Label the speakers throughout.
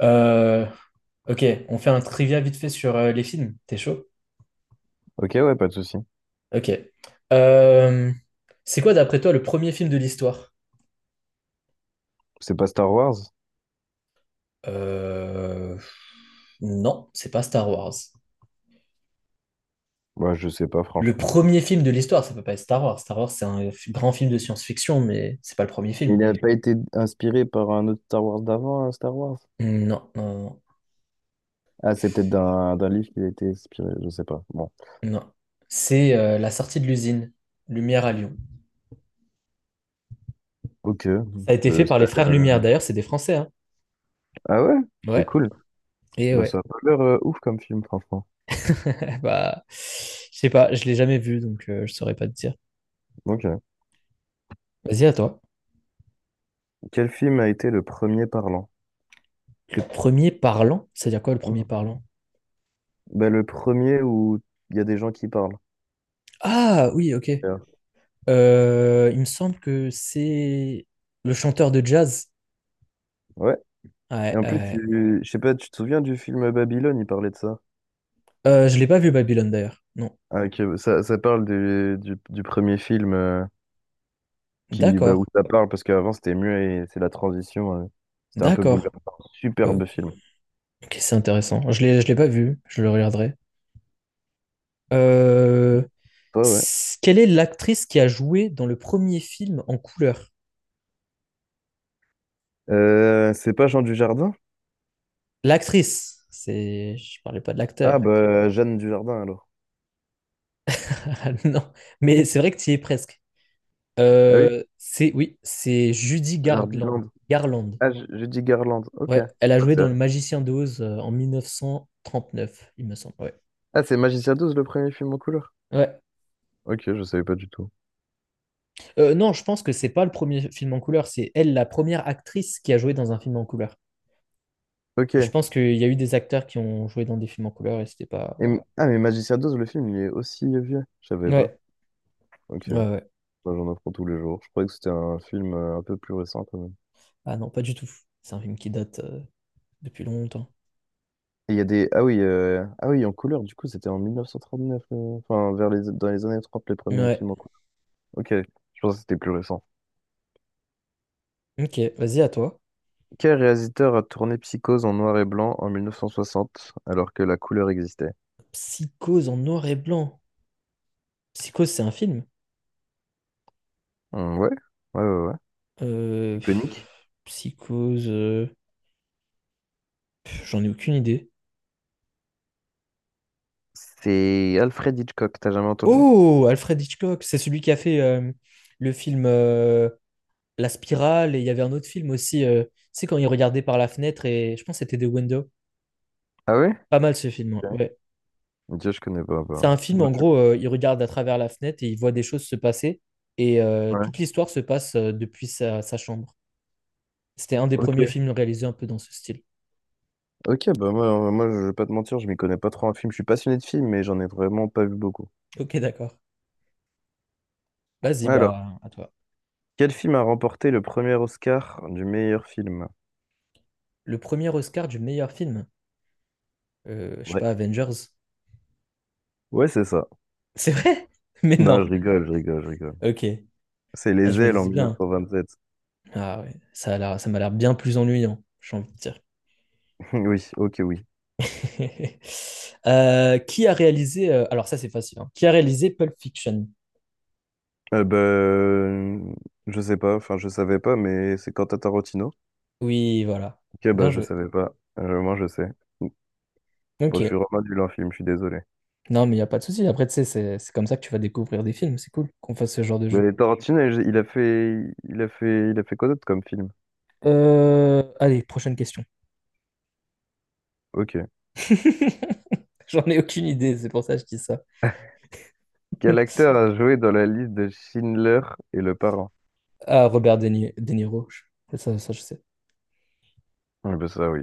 Speaker 1: Euh, ok, on fait un trivia vite fait sur les films. T'es chaud?
Speaker 2: Ok, ouais, pas de souci.
Speaker 1: Ok. Euh, c'est quoi, d'après toi, le premier film de l'histoire?
Speaker 2: C'est pas Star Wars?
Speaker 1: Euh, non, c'est pas Star Wars.
Speaker 2: Bah, je sais pas,
Speaker 1: Le
Speaker 2: franchement.
Speaker 1: premier film de l'histoire, ça peut pas être Star Wars. Star Wars, c'est un grand film de science-fiction, mais c'est pas le premier
Speaker 2: Il
Speaker 1: film.
Speaker 2: n'a pas été inspiré par un autre Star Wars d'avant, un Star Wars?
Speaker 1: Non, non, non,
Speaker 2: Ah, c'est peut-être d'un livre qu'il a été inspiré, je sais pas. Bon.
Speaker 1: non. C'est la sortie de l'usine Lumière à Lyon.
Speaker 2: Ok.
Speaker 1: Ça a été fait par
Speaker 2: Ça
Speaker 1: les
Speaker 2: a l'air...
Speaker 1: frères Lumière. D'ailleurs, c'est des Français, hein.
Speaker 2: Ah ouais? C'est
Speaker 1: Ouais.
Speaker 2: cool.
Speaker 1: Et
Speaker 2: Bah,
Speaker 1: ouais.
Speaker 2: ça a pas l'air ouf comme film, franchement.
Speaker 1: Bah, je sais pas, je l'ai jamais vu, donc je saurais pas te dire.
Speaker 2: Ok.
Speaker 1: Vas-y, à toi.
Speaker 2: Quel film a été le premier parlant?
Speaker 1: Le premier parlant, c'est-à-dire quoi le premier
Speaker 2: Mhm.
Speaker 1: parlant?
Speaker 2: Bah, le premier où il y a des gens qui parlent.
Speaker 1: Ah oui, ok.
Speaker 2: Yeah.
Speaker 1: Il me semble que c'est le chanteur de jazz.
Speaker 2: Ouais. Et
Speaker 1: Ouais,
Speaker 2: en plus,
Speaker 1: ouais.
Speaker 2: je sais pas, tu te souviens du film Babylone, il parlait de ça.
Speaker 1: Je l'ai pas vu Babylone d'ailleurs. Non.
Speaker 2: Ah, ok. Ça parle du premier film. Qui bah,
Speaker 1: D'accord.
Speaker 2: où ça parle parce qu'avant c'était muet et c'est la transition. C'était un peu bouleversant,
Speaker 1: D'accord. Euh,
Speaker 2: superbe film.
Speaker 1: ok, c'est intéressant. Je l'ai pas vu. Je le regarderai. Euh,
Speaker 2: Toi, ouais.
Speaker 1: Quelle est l'actrice qui a joué dans le premier film en couleur?
Speaker 2: C'est pas Jean Dujardin.
Speaker 1: L'actrice. C'est. Je parlais pas de
Speaker 2: Ah,
Speaker 1: l'acteur.
Speaker 2: bah, Jeanne Dujardin alors.
Speaker 1: Non. Mais c'est vrai que tu y es presque.
Speaker 2: Ah oui,
Speaker 1: C'est Oui, c'est Judy Garland.
Speaker 2: Jardiland.
Speaker 1: Garland.
Speaker 2: Ah, je dis Garland, ok.
Speaker 1: Ouais, elle a
Speaker 2: Ah,
Speaker 1: joué
Speaker 2: c'est
Speaker 1: dans Le
Speaker 2: vrai.
Speaker 1: Magicien d'Oz en 1939, il me semble. Ouais.
Speaker 2: Ah, c'est Magicien douze le premier film en couleur.
Speaker 1: Ouais.
Speaker 2: Ok, je savais pas du tout.
Speaker 1: Non, je pense que c'est pas le premier film en couleur, c'est elle la première actrice qui a joué dans un film en couleur.
Speaker 2: Ok.
Speaker 1: Je
Speaker 2: Et
Speaker 1: pense qu'il y a eu des acteurs qui ont joué dans des films en couleur et c'était pas voilà.
Speaker 2: ah mais Magicien 12 le film, il est aussi vieux, je savais pas.
Speaker 1: Ouais.
Speaker 2: Ok,
Speaker 1: Ouais, ouais.
Speaker 2: moi j'en apprends tous les jours, je croyais que c'était un film un peu plus récent quand...
Speaker 1: Ah non, pas du tout. C'est un film qui date depuis longtemps.
Speaker 2: Et il y a des... Ah oui, ah oui, en couleur, du coup, c'était en 1939, enfin, vers les... dans les années 30, les premiers
Speaker 1: Ouais.
Speaker 2: films en couleur. Ok, je pense que c'était plus récent.
Speaker 1: Ok, vas-y à toi.
Speaker 2: Quel réalisateur a tourné Psychose en noir et blanc en 1960, alors que la couleur existait?
Speaker 1: Psychose en noir et blanc. Psychose, c'est un film?
Speaker 2: Ouais, ouais, ouais, ouais. Iconique.
Speaker 1: Psychose. J'en ai aucune idée.
Speaker 2: C'est Alfred Hitchcock, t'as jamais entendu?
Speaker 1: Oh, Alfred Hitchcock, c'est celui qui a fait le film La Spirale, et il y avait un autre film aussi, tu sais, quand il regardait par la fenêtre, et je pense que c'était The Window.
Speaker 2: Ah ouais?
Speaker 1: Pas mal ce film, hein,
Speaker 2: Ouais.
Speaker 1: ouais.
Speaker 2: Dieu, je connais pas,
Speaker 1: C'est un
Speaker 2: bah.
Speaker 1: film, en
Speaker 2: Ok.
Speaker 1: gros, il regarde à travers la fenêtre et il voit des choses se passer, et
Speaker 2: Ouais.
Speaker 1: toute l'histoire se passe depuis sa chambre. C'était un des
Speaker 2: Ok.
Speaker 1: premiers films réalisés un peu dans ce style.
Speaker 2: Ok, bah moi, je vais pas te mentir, je m'y connais pas trop en film. Je suis passionné de films, mais j'en ai vraiment pas vu beaucoup.
Speaker 1: Ok, d'accord. Vas-y,
Speaker 2: Alors,
Speaker 1: bah, à toi.
Speaker 2: quel film a remporté le premier Oscar du meilleur film?
Speaker 1: Le premier Oscar du meilleur film. Je sais
Speaker 2: Ouais.
Speaker 1: pas, Avengers.
Speaker 2: Ouais, c'est ça.
Speaker 1: C'est vrai? Mais
Speaker 2: Non,
Speaker 1: non.
Speaker 2: je rigole, je rigole, je rigole.
Speaker 1: Ok.
Speaker 2: C'est
Speaker 1: Ah,
Speaker 2: Les
Speaker 1: je me
Speaker 2: Ailes en
Speaker 1: disais
Speaker 2: mille neuf
Speaker 1: bien.
Speaker 2: cent vingt sept.
Speaker 1: Ah ouais, ça m'a l'air bien plus ennuyant, j'ai envie de dire.
Speaker 2: Oui, ok, oui.
Speaker 1: Qui a réalisé... alors ça, c'est facile, hein. Qui a réalisé Pulp Fiction?
Speaker 2: Ben, je sais pas, enfin, je savais pas, mais c'est Quentin Tarantino.
Speaker 1: Oui, voilà.
Speaker 2: Ok,
Speaker 1: Bien
Speaker 2: bah, je
Speaker 1: joué.
Speaker 2: savais pas. Moi, je sais. Bon, je suis
Speaker 1: Ok.
Speaker 2: vraiment nul en film, je suis désolé.
Speaker 1: Non, mais il n'y a pas de souci. Après, tu sais, c'est comme ça que tu vas découvrir des films. C'est cool qu'on fasse ce genre de jeu.
Speaker 2: Mais Tarantino, il a fait, il a fait quoi d'autre comme film?
Speaker 1: Allez, prochaine question.
Speaker 2: Ok.
Speaker 1: J'en ai aucune idée, c'est pour ça que je dis ça.
Speaker 2: Quel acteur a joué dans la liste de Schindler et Le Parrain?
Speaker 1: Ah, Robert De Ni- De Niro. Ça, je sais.
Speaker 2: Ah, ben, ça, oui.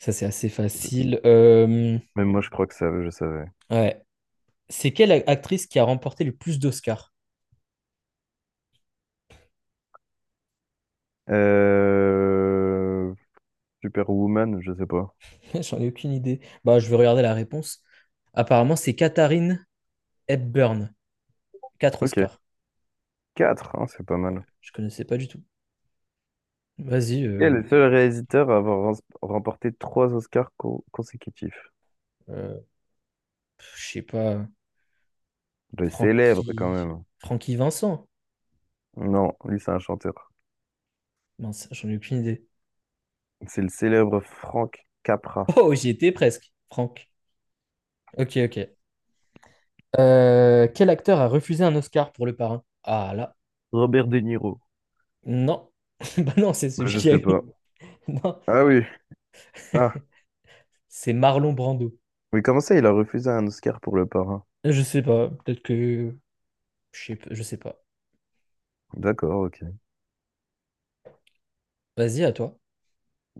Speaker 1: Ça, c'est assez facile.
Speaker 2: Même moi, je crois que ça, je savais.
Speaker 1: Ouais. C'est quelle actrice qui a remporté le plus d'Oscars?
Speaker 2: Euh... Superwoman, je sais pas.
Speaker 1: J'en ai aucune idée. Bah, je vais regarder la réponse. Apparemment, c'est Katharine Hepburn, 4
Speaker 2: Ok.
Speaker 1: Oscars.
Speaker 2: 4, c'est pas mal.
Speaker 1: Je connaissais pas du tout. Vas-y,
Speaker 2: Quel est le seul réalisateur à avoir remporté trois Oscars consécutifs?
Speaker 1: euh, je sais pas.
Speaker 2: Le célèbre, quand
Speaker 1: Francky...
Speaker 2: même.
Speaker 1: Francky Vincent.
Speaker 2: Non, lui, c'est un chanteur.
Speaker 1: Mince, j'en ai aucune idée.
Speaker 2: C'est le célèbre Frank Capra.
Speaker 1: Oh, j'y étais presque. Franck. Ok, ok. Quel acteur a refusé un Oscar pour Le Parrain? Ah là.
Speaker 2: Robert De Niro.
Speaker 1: Non. Bah non, c'est
Speaker 2: Bah,
Speaker 1: celui
Speaker 2: je
Speaker 1: qui a
Speaker 2: sais
Speaker 1: eu.
Speaker 2: pas.
Speaker 1: Non.
Speaker 2: Ah oui. Ah.
Speaker 1: C'est Marlon Brando.
Speaker 2: Mais comment ça, il a refusé un Oscar pour Le Parrain?
Speaker 1: Je sais pas, peut-être que. Je sais pas.
Speaker 2: D'accord, ok.
Speaker 1: Vas-y, à toi.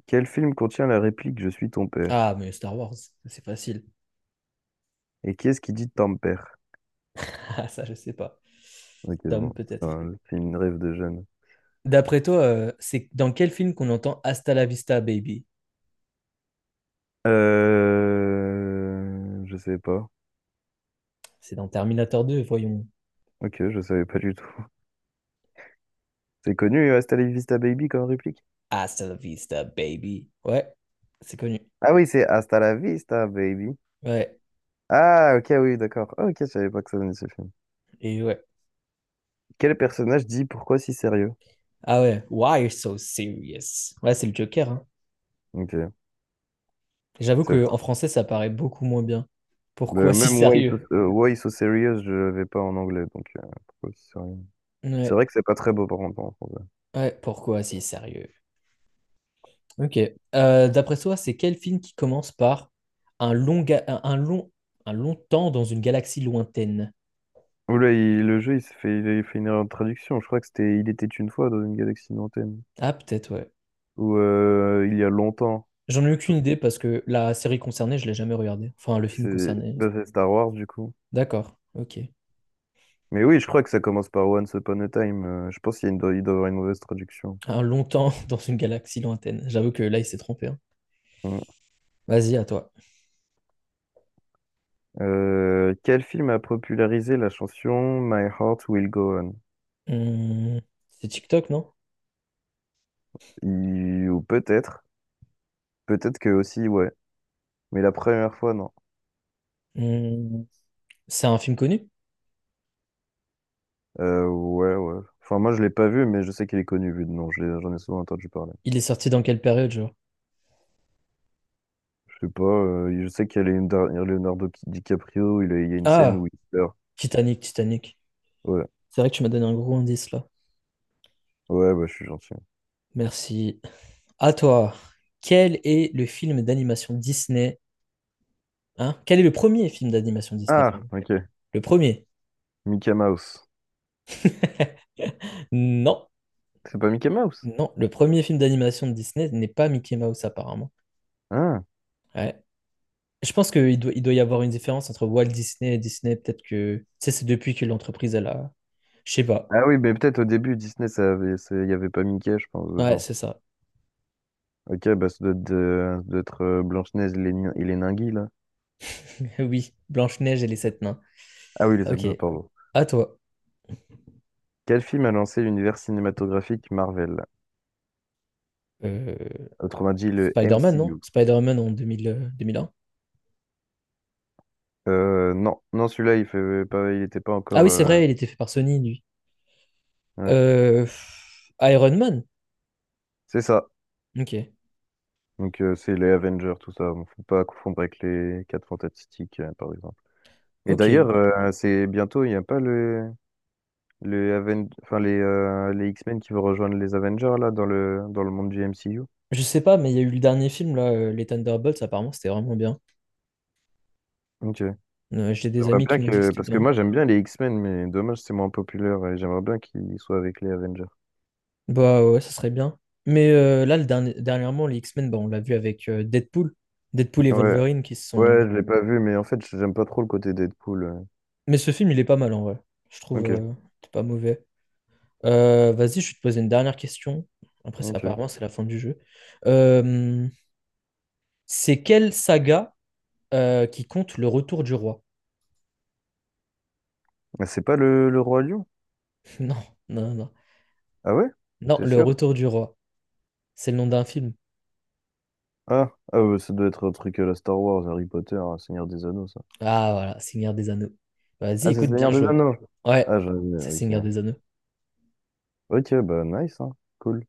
Speaker 2: Quel film contient la réplique «Je suis ton père»?
Speaker 1: Ah, mais Star Wars, c'est facile.
Speaker 2: Et qui est-ce qui dit ton père?
Speaker 1: Ah, ça, je sais pas.
Speaker 2: Ok,
Speaker 1: Tom,
Speaker 2: bon. C'est
Speaker 1: peut-être.
Speaker 2: un film Rêve de jeune.
Speaker 1: D'après toi, c'est dans quel film qu'on entend Hasta la vista, baby?
Speaker 2: Je savais pas.
Speaker 1: C'est dans Terminator 2, voyons.
Speaker 2: Ok, je savais pas du tout. C'est connu, Hasta la vista baby, comme réplique?
Speaker 1: Hasta la vista, baby. Ouais, c'est connu.
Speaker 2: Ah oui, c'est Hasta la vista baby.
Speaker 1: Ouais,
Speaker 2: Ah, ok, oui, d'accord. Ah, ok, je savais pas que ça venait de ce film.
Speaker 1: et ouais.
Speaker 2: Quel personnage dit pourquoi si sérieux?
Speaker 1: Ah ouais, why you're so serious? Ouais, c'est le Joker, hein.
Speaker 2: Ok,
Speaker 1: J'avoue
Speaker 2: c'est fou.
Speaker 1: qu'en français, ça paraît beaucoup moins bien. Pourquoi si
Speaker 2: Même
Speaker 1: sérieux?
Speaker 2: Why so serious, je l'avais pas en anglais, donc pourquoi si sérieux? C'est
Speaker 1: Ouais,
Speaker 2: vrai que c'est pas très beau par contre en français.
Speaker 1: ouais, pourquoi si sérieux? Ok. D'après toi, c'est quel film qui commence par un long, ga- un long temps dans une galaxie lointaine?
Speaker 2: Oula, le jeu, il s'est fait, il a fait une erreur de traduction. Je crois que c'était Il était une fois dans une galaxie lointaine.
Speaker 1: Ah, peut-être, ouais.
Speaker 2: Ou il y a longtemps.
Speaker 1: J'en ai aucune idée parce que la série concernée, je l'ai jamais regardée. Enfin, le film
Speaker 2: C'est
Speaker 1: concerné.
Speaker 2: bah, c'est Star Wars, du coup.
Speaker 1: D'accord, ok.
Speaker 2: Mais oui, je crois que ça commence par Once Upon a Time. Je pense qu'il y a il doit y avoir une mauvaise traduction.
Speaker 1: Un long temps dans une galaxie lointaine. J'avoue que là, il s'est trompé, hein.
Speaker 2: Mm.
Speaker 1: Vas-y, à toi.
Speaker 2: Quel film a popularisé la chanson My Heart Will Go On?
Speaker 1: Hum, c'est TikTok, non?
Speaker 2: Ou peut-être, peut-être que aussi, ouais. Mais la première fois, non.
Speaker 1: Hum, c'est un film connu?
Speaker 2: Ouais, ouais. Enfin, moi, je l'ai pas vu, mais je sais qu'il est connu vu de nom. J'en ai souvent entendu parler.
Speaker 1: Il est sorti dans quelle période, genre?
Speaker 2: Je sais pas, je sais qu'il y a Leonardo DiCaprio, il y a une scène
Speaker 1: Ah,
Speaker 2: où il pleure.
Speaker 1: Titanic, Titanic.
Speaker 2: Ouais,
Speaker 1: C'est vrai que tu m'as donné un gros indice là.
Speaker 2: ouais, bah, je suis gentil.
Speaker 1: Merci. À toi, quel est le film d'animation Disney? Hein? Quel est le premier film d'animation Disney,
Speaker 2: Ah,
Speaker 1: pardon?
Speaker 2: ok.
Speaker 1: Le premier.
Speaker 2: Mickey Mouse.
Speaker 1: Non,
Speaker 2: C'est pas Mickey Mouse?
Speaker 1: non, le premier film d'animation de Disney n'est pas Mickey Mouse apparemment.
Speaker 2: Ah.
Speaker 1: Ouais. Je pense qu'il doit y avoir une différence entre Walt Disney et Disney. Peut-être que, tu sais, c'est depuis que l'entreprise, elle a... Je sais pas.
Speaker 2: Ah oui, mais peut-être au début, Disney, ça avait, il y avait pas Mickey, je pense,
Speaker 1: Ouais,
Speaker 2: dedans.
Speaker 1: c'est ça.
Speaker 2: Ok, bah ça doit être, ça doit être Blanche-Neige et les, et les Ninguis, là.
Speaker 1: Oui, Blanche-Neige et les sept nains.
Speaker 2: Ah oui, les sept
Speaker 1: Ok.
Speaker 2: nains, pardon.
Speaker 1: À toi.
Speaker 2: Quel film a lancé l'univers cinématographique Marvel?
Speaker 1: Euh,
Speaker 2: Autrement dit, le
Speaker 1: Spider-Man, non?
Speaker 2: MCU.
Speaker 1: Spider-Man en 2000, 2001.
Speaker 2: Non, non, celui-là, il fait pas, il était pas
Speaker 1: Ah
Speaker 2: encore...
Speaker 1: oui, c'est vrai, il était fait par Sony, lui.
Speaker 2: ouais.
Speaker 1: Euh, Iron Man.
Speaker 2: C'est ça.
Speaker 1: Ok,
Speaker 2: Donc, c'est les Avengers, tout ça. Bon, faut pas confondre avec les Quatre Fantastiques, par exemple. Et
Speaker 1: ok.
Speaker 2: d'ailleurs, c'est bientôt, il n'y a pas le... Les, enfin, les X-Men qui vont rejoindre les Avengers là dans le monde du MCU.
Speaker 1: Je sais pas, mais il y a eu le dernier film, là, les Thunderbolts, apparemment, c'était vraiment bien.
Speaker 2: Ok.
Speaker 1: J'ai des
Speaker 2: J'aimerais
Speaker 1: amis
Speaker 2: bien
Speaker 1: qui m'ont dit que
Speaker 2: que...
Speaker 1: c'était
Speaker 2: Parce que moi
Speaker 1: bien.
Speaker 2: j'aime bien les X-Men, mais dommage c'est moins populaire et j'aimerais bien qu'ils soient avec les Avengers.
Speaker 1: Bah ouais, ça serait bien. Mais là, dernièrement, les X-Men, bah, on l'a vu avec Deadpool. Deadpool et
Speaker 2: Ouais.
Speaker 1: Wolverine qui se sont...
Speaker 2: Ouais, je l'ai pas vu, mais en fait j'aime pas trop le côté Deadpool.
Speaker 1: Mais ce film, il est pas mal, en vrai. Je trouve
Speaker 2: Ok,
Speaker 1: c'est pas mauvais. Vas-y, je vais te poser une dernière question. Après,
Speaker 2: ok.
Speaker 1: apparemment, c'est la fin du jeu. Euh, c'est quelle saga qui compte le retour du roi?
Speaker 2: Mais c'est pas le Roi Lion?
Speaker 1: Non, non, non.
Speaker 2: Ah ouais?
Speaker 1: Non,
Speaker 2: T'es
Speaker 1: Le
Speaker 2: sûr?
Speaker 1: Retour du Roi. C'est le nom d'un film.
Speaker 2: Ah, ah ouais, ça doit être un truc à la Star Wars, Harry Potter, hein, Seigneur des Anneaux, ça.
Speaker 1: Ah voilà, Seigneur des Anneaux. Vas-y,
Speaker 2: Ah, c'est
Speaker 1: écoute, bien
Speaker 2: Seigneur des
Speaker 1: joué.
Speaker 2: Anneaux.
Speaker 1: Ouais,
Speaker 2: Ah, j'avais.
Speaker 1: c'est Seigneur
Speaker 2: Ok.
Speaker 1: des Anneaux.
Speaker 2: Ok, bah nice, hein. Cool.